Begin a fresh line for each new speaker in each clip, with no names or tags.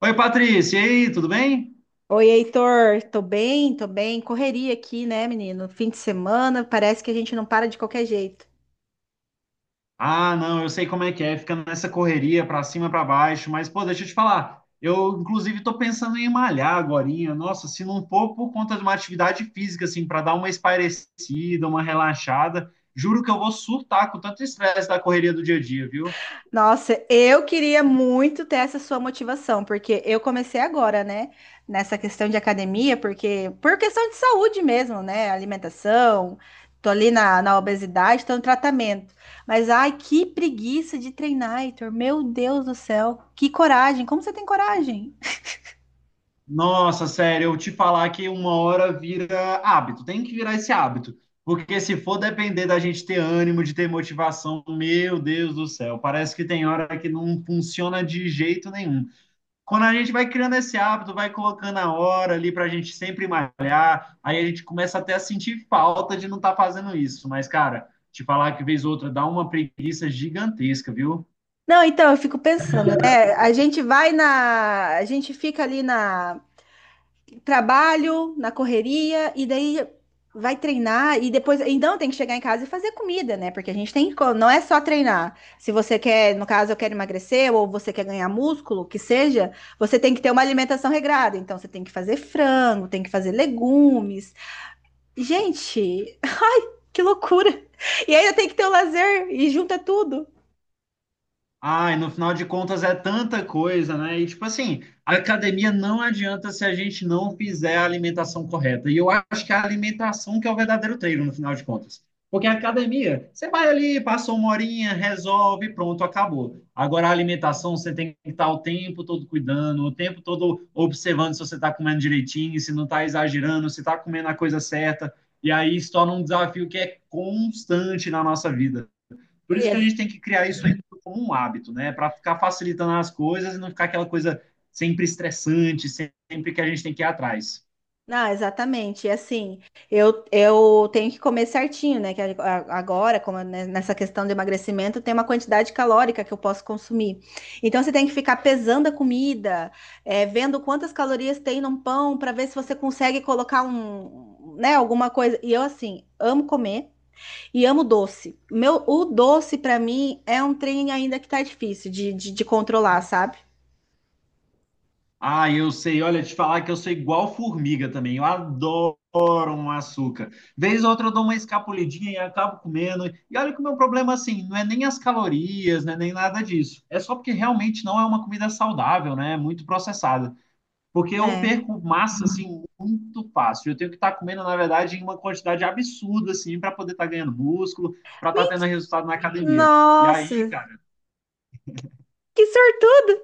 Oi, Patrícia, e aí, tudo bem?
Oi, Heitor, tô bem, tô bem. Correria aqui, né, menino? Fim de semana, parece que a gente não para de qualquer jeito.
Ah, não, eu sei como é que é, fica nessa correria pra cima, pra baixo, mas pô, deixa eu te falar. Eu inclusive tô pensando em malhar agorinha. Nossa, se não for por conta de uma atividade física assim, pra dar uma espairecida, uma relaxada, juro que eu vou surtar com tanto estresse da correria do dia a dia, viu?
Nossa, eu queria muito ter essa sua motivação, porque eu comecei agora, né, nessa questão de academia, porque por questão de saúde mesmo, né, alimentação, tô ali na obesidade, tô no tratamento. Mas ai, que preguiça de treinar, Heitor, meu Deus do céu, que coragem, como você tem coragem?
Nossa, sério, eu te falar que uma hora vira hábito, tem que virar esse hábito. Porque se for depender da gente ter ânimo, de ter motivação, meu Deus do céu, parece que tem hora que não funciona de jeito nenhum. Quando a gente vai criando esse hábito, vai colocando a hora ali para a gente sempre malhar, aí a gente começa até a sentir falta de não estar fazendo isso. Mas, cara, te falar que vez ou outra dá uma preguiça gigantesca, viu?
Não, então eu fico pensando, né, a gente fica ali na trabalho, na correria, e daí vai treinar, e depois, então tem que chegar em casa e fazer comida, né? Porque a gente tem, não é só treinar. Se você quer, no caso, eu quero emagrecer, ou você quer ganhar músculo, que seja, você tem que ter uma alimentação regrada. Então você tem que fazer frango, tem que fazer legumes. Gente, que loucura! E ainda tem que ter o lazer, e junta tudo.
Ai, no final de contas é tanta coisa, né? E tipo assim, a academia não adianta se a gente não fizer a alimentação correta. E eu acho que é a alimentação que é o verdadeiro treino, no final de contas. Porque a academia, você vai ali, passa uma horinha, resolve, pronto, acabou. Agora a alimentação, você tem que estar o tempo todo cuidando, o tempo todo observando se você está comendo direitinho, se não está exagerando, se está comendo a coisa certa. E aí isso torna um desafio que é constante na nossa vida. Por isso que a gente tem que criar isso aí como um hábito, né? Para ficar facilitando as coisas e não ficar aquela coisa sempre estressante, sempre que a gente tem que ir atrás.
Não, exatamente. E assim, eu tenho que comer certinho, né? Que agora, como né, nessa questão de emagrecimento, tem uma quantidade calórica que eu posso consumir. Então, você tem que ficar pesando a comida, é, vendo quantas calorias tem num pão, para ver se você consegue colocar um, né, alguma coisa. E eu, assim, amo comer e amo doce. Meu, o doce, para mim, é um trem ainda que tá difícil de controlar, sabe?
Ah, eu sei, olha, te falar que eu sou igual formiga também. Eu adoro um açúcar. Vez ou outra eu dou uma escapulidinha e acabo comendo. E olha que o meu problema, assim, não é nem as calorias, né, nem nada disso. É só porque realmente não é uma comida saudável, né? É muito processada. Porque eu
É.
perco massa assim muito fácil. Eu tenho que estar comendo, na verdade, em uma quantidade absurda assim para poder estar ganhando músculo, para estar tendo
Ment-
resultado na academia. E
Nossa,
aí, cara,
que sortudo!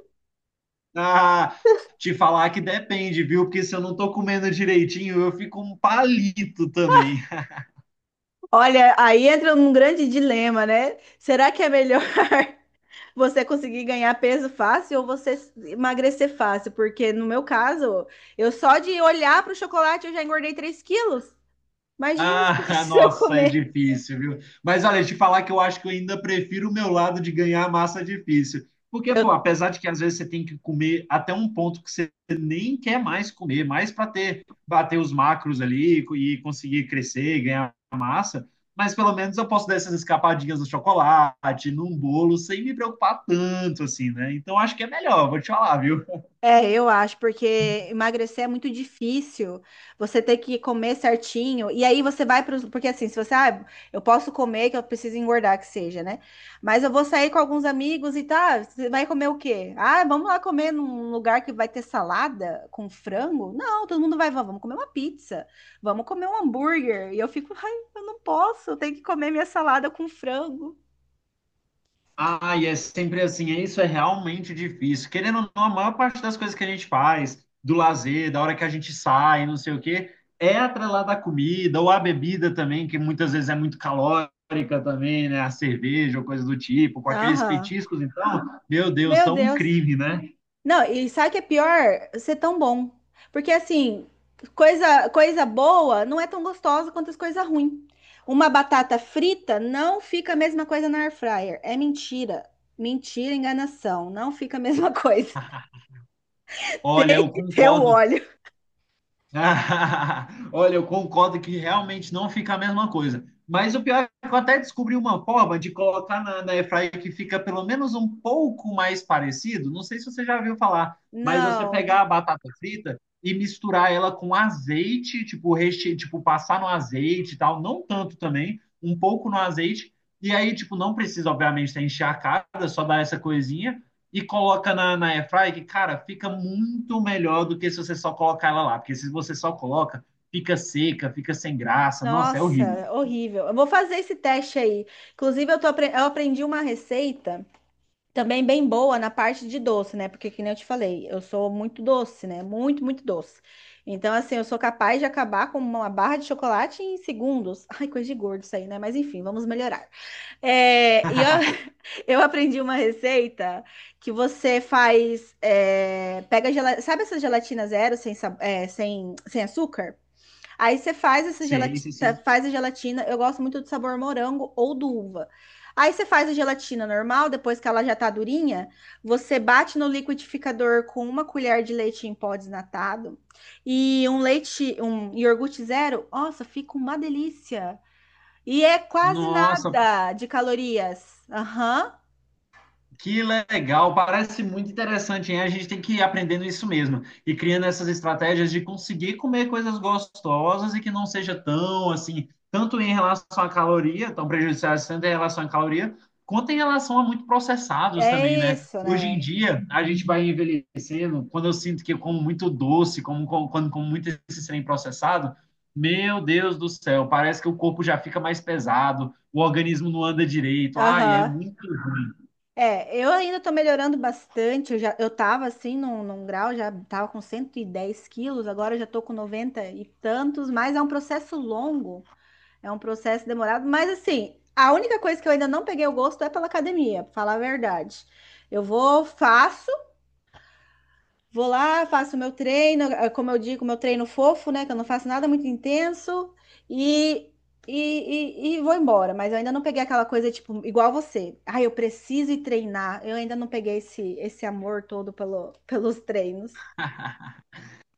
ah, te falar que depende, viu? Porque se eu não tô comendo direitinho, eu fico um palito também.
Olha, aí entra num grande dilema, né? Será que é melhor você conseguir ganhar peso fácil ou você emagrecer fácil? Porque no meu caso, eu só de olhar para o chocolate eu já engordei 3 quilos. Imagina
Ah,
se eu
nossa, é
comer.
difícil, viu? Mas olha, te falar que eu acho que eu ainda prefiro o meu lado de ganhar a massa difícil. Porque,
Eu
pô, apesar de que às vezes você tem que comer até um ponto que você nem quer mais comer, mais para ter, bater os macros ali e conseguir crescer, ganhar massa, mas pelo menos eu posso dar essas escapadinhas no chocolate, num bolo, sem me preocupar tanto assim, né? Então acho que é melhor, vou te falar, viu?
É, eu acho, porque emagrecer é muito difícil. Você tem que comer certinho. E aí você vai para os. Porque assim, se você. Ah, eu posso comer, que eu preciso engordar, que seja, né? Mas eu vou sair com alguns amigos e tá. Você vai comer o quê? Ah, vamos lá comer num lugar que vai ter salada com frango? Não, todo mundo vai. Vamos comer uma pizza. Vamos comer um hambúrguer. E eu fico. Ai, eu não posso. Eu tenho que comer minha salada com frango.
Ah, e é sempre assim, é isso é realmente difícil. Querendo ou não, a maior parte das coisas que a gente faz, do lazer, da hora que a gente sai, não sei o quê, é atrelada à comida ou à bebida também, que muitas vezes é muito calórica também, né? A cerveja ou coisa do tipo, com aqueles
Aham.
petiscos, então, meu Deus,
Meu
são um
Deus.
crime, né?
Não, e sabe o que é pior? Ser tão bom. Porque assim, coisa boa não é tão gostosa quanto as coisas ruins. Uma batata frita não fica a mesma coisa na air fryer. É mentira. Mentira, enganação. Não fica a mesma coisa.
Olha,
Tem
eu
que ter o
concordo.
óleo.
Ah, olha, eu concordo que realmente não fica a mesma coisa. Mas o pior é que eu até descobri uma forma de colocar na airfryer que fica pelo menos um pouco mais parecido. Não sei se você já viu falar, mas você
Não.
pegar a batata frita e misturar ela com azeite, tipo, tipo passar no azeite e tal, não tanto também, um pouco no azeite. E aí, tipo, não precisa, obviamente, ter encharcada, só dar essa coisinha e coloca na airfry, que, cara, fica muito melhor do que se você só colocar ela lá. Porque se você só coloca, fica seca, fica sem graça. Nossa, é horrível.
Nossa, horrível. Eu vou fazer esse teste aí. Inclusive, eu aprendi uma receita. Também bem boa na parte de doce, né? Porque, que nem eu te falei, eu sou muito doce, né? Muito, muito doce. Então, assim, eu sou capaz de acabar com uma barra de chocolate em segundos. Ai, coisa de gordo isso aí, né? Mas enfim, vamos melhorar. É, eu aprendi uma receita que você faz. É, pega gelatina. Sabe essa gelatina zero sem, sa- é, sem, sem açúcar? Aí você faz essa
Sim,
gelatina,
sim, sim.
faz a gelatina. Eu gosto muito do sabor morango ou do uva. Aí você faz a gelatina normal, depois que ela já tá durinha, você bate no liquidificador com uma colher de leite em pó desnatado e um leite, um iogurte zero. Nossa, fica uma delícia. E é quase
Nossa,
nada de calorias. Aham.
que legal, parece muito interessante, hein? A gente tem que ir aprendendo isso mesmo e criando essas estratégias de conseguir comer coisas gostosas e que não seja tão assim, tanto em relação à caloria, tão prejudiciais tanto em relação à caloria, quanto em relação a muito processados também,
É
né?
isso,
Hoje
né?
em dia, a gente vai envelhecendo, quando eu sinto que eu como muito doce, quando como muito esse trem processado, meu Deus do céu, parece que o corpo já fica mais pesado, o organismo não anda direito. Ai, é
Aham.
muito.
É, eu ainda tô melhorando bastante. Eu já, eu tava assim num grau, já tava com 110 quilos, agora eu já tô com 90 e tantos, mas é um processo longo, é um processo demorado. Mas assim, a única coisa que eu ainda não peguei o gosto é pela academia, pra falar a verdade. Eu vou, faço. Vou lá, faço meu treino, como eu digo, meu treino fofo, né? Que eu não faço nada muito intenso e, e vou embora. Mas eu ainda não peguei aquela coisa, tipo, igual você. Ai, eu preciso ir treinar. Eu ainda não peguei esse, amor todo pelos treinos.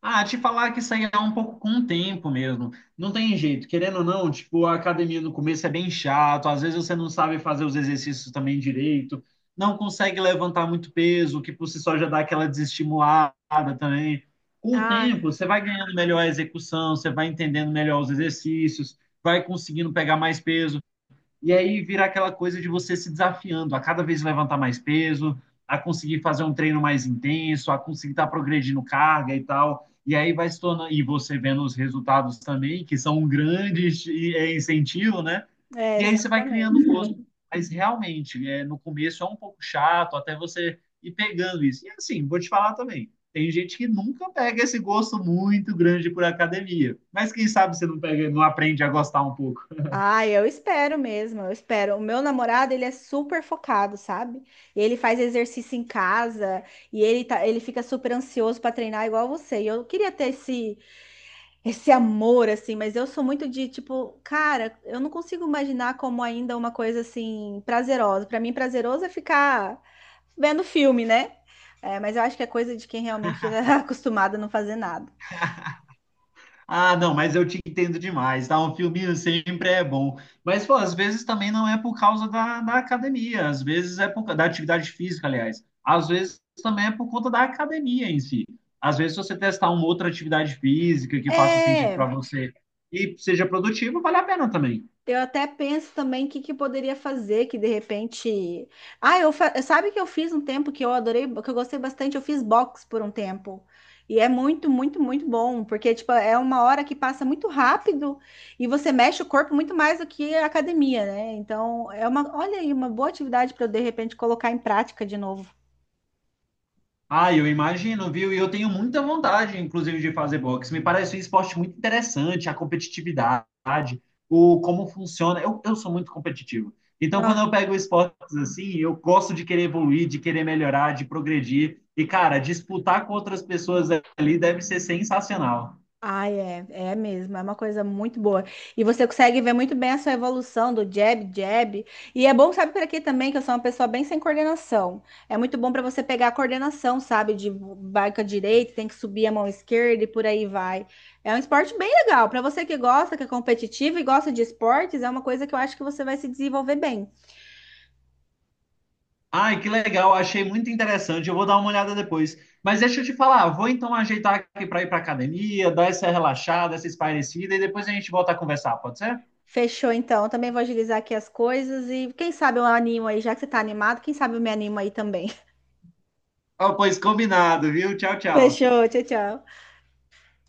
Ah, te falar que isso aí é um pouco com o tempo mesmo. Não tem jeito, querendo ou não, tipo, a academia no começo é bem chato, às vezes você não sabe fazer os exercícios também direito, não consegue levantar muito peso, o que por si só já dá aquela desestimulada também. Com o
Ah,
tempo, você vai ganhando melhor a execução, você vai entendendo melhor os exercícios, vai conseguindo pegar mais peso. E aí vira aquela coisa de você se desafiando a cada vez levantar mais peso, a conseguir fazer um treino mais intenso, a conseguir estar progredindo carga e tal. E aí vai se tornando, e você vendo os resultados também, que são um grande incentivo, né?
é,
E aí você vai criando um
exatamente.
gosto. Mas realmente, é, no começo é um pouco chato, até você ir pegando isso. E assim, vou te falar também, tem gente que nunca pega esse gosto muito grande por academia. Mas quem sabe você não pega, não aprende a gostar um pouco.
Ah, eu espero mesmo, eu espero. O meu namorado, ele é super focado, sabe? Ele faz exercício em casa e ele tá, ele fica super ansioso para treinar igual você. E eu queria ter esse esse amor, assim, mas eu sou muito de tipo, cara, eu não consigo imaginar como ainda uma coisa assim prazerosa. Pra mim, prazeroso é ficar vendo filme, né? É, mas eu acho que é coisa de quem realmente já é acostumado a não fazer nada.
Ah, não, mas eu te entendo demais, tá? Um filminho sempre é bom. Mas, pô, às vezes também não é por causa da academia, às vezes é por causa da atividade física, aliás. Às vezes também é por conta da academia em si. Às vezes, se você testar uma outra atividade física que faça sentido
É,
para você e seja produtivo, vale a pena também.
eu até penso também o que, que eu poderia fazer, que de repente. Ah, sabe que eu fiz um tempo que eu adorei, que eu gostei bastante, eu fiz box por um tempo. E é muito, muito, muito bom, porque tipo, é uma hora que passa muito rápido e você mexe o corpo muito mais do que a academia, né? Então, é uma, olha aí, uma boa atividade para eu de repente colocar em prática de novo.
Ah, eu imagino, viu? E eu tenho muita vontade, inclusive, de fazer boxe. Me parece um esporte muito interessante, a competitividade, o como funciona. Eu sou muito competitivo. Então, quando eu pego esportes assim, eu gosto de querer evoluir, de querer melhorar, de progredir. E, cara, disputar com outras pessoas ali deve ser sensacional.
Ah, é, é mesmo, é uma coisa muito boa. E você consegue ver muito bem a sua evolução do jab, jab. E é bom, sabe, por aqui também, que eu sou uma pessoa bem sem coordenação. É muito bom para você pegar a coordenação, sabe, de vai com a direita, tem que subir a mão esquerda e por aí vai. É um esporte bem legal. Para você que gosta, que é competitivo e gosta de esportes, é uma coisa que eu acho que você vai se desenvolver bem.
Ai, que legal, achei muito interessante. Eu vou dar uma olhada depois. Mas deixa eu te falar, vou então ajeitar aqui para ir para academia, dar essa relaxada, essa espairecida e depois a gente volta a conversar, pode ser?
Fechou, então. Eu também vou agilizar aqui as coisas e quem sabe eu animo aí, já que você tá animado, quem sabe eu me animo aí também.
Oh, pois combinado, viu? Tchau, tchau.
Fechou, tchau, tchau.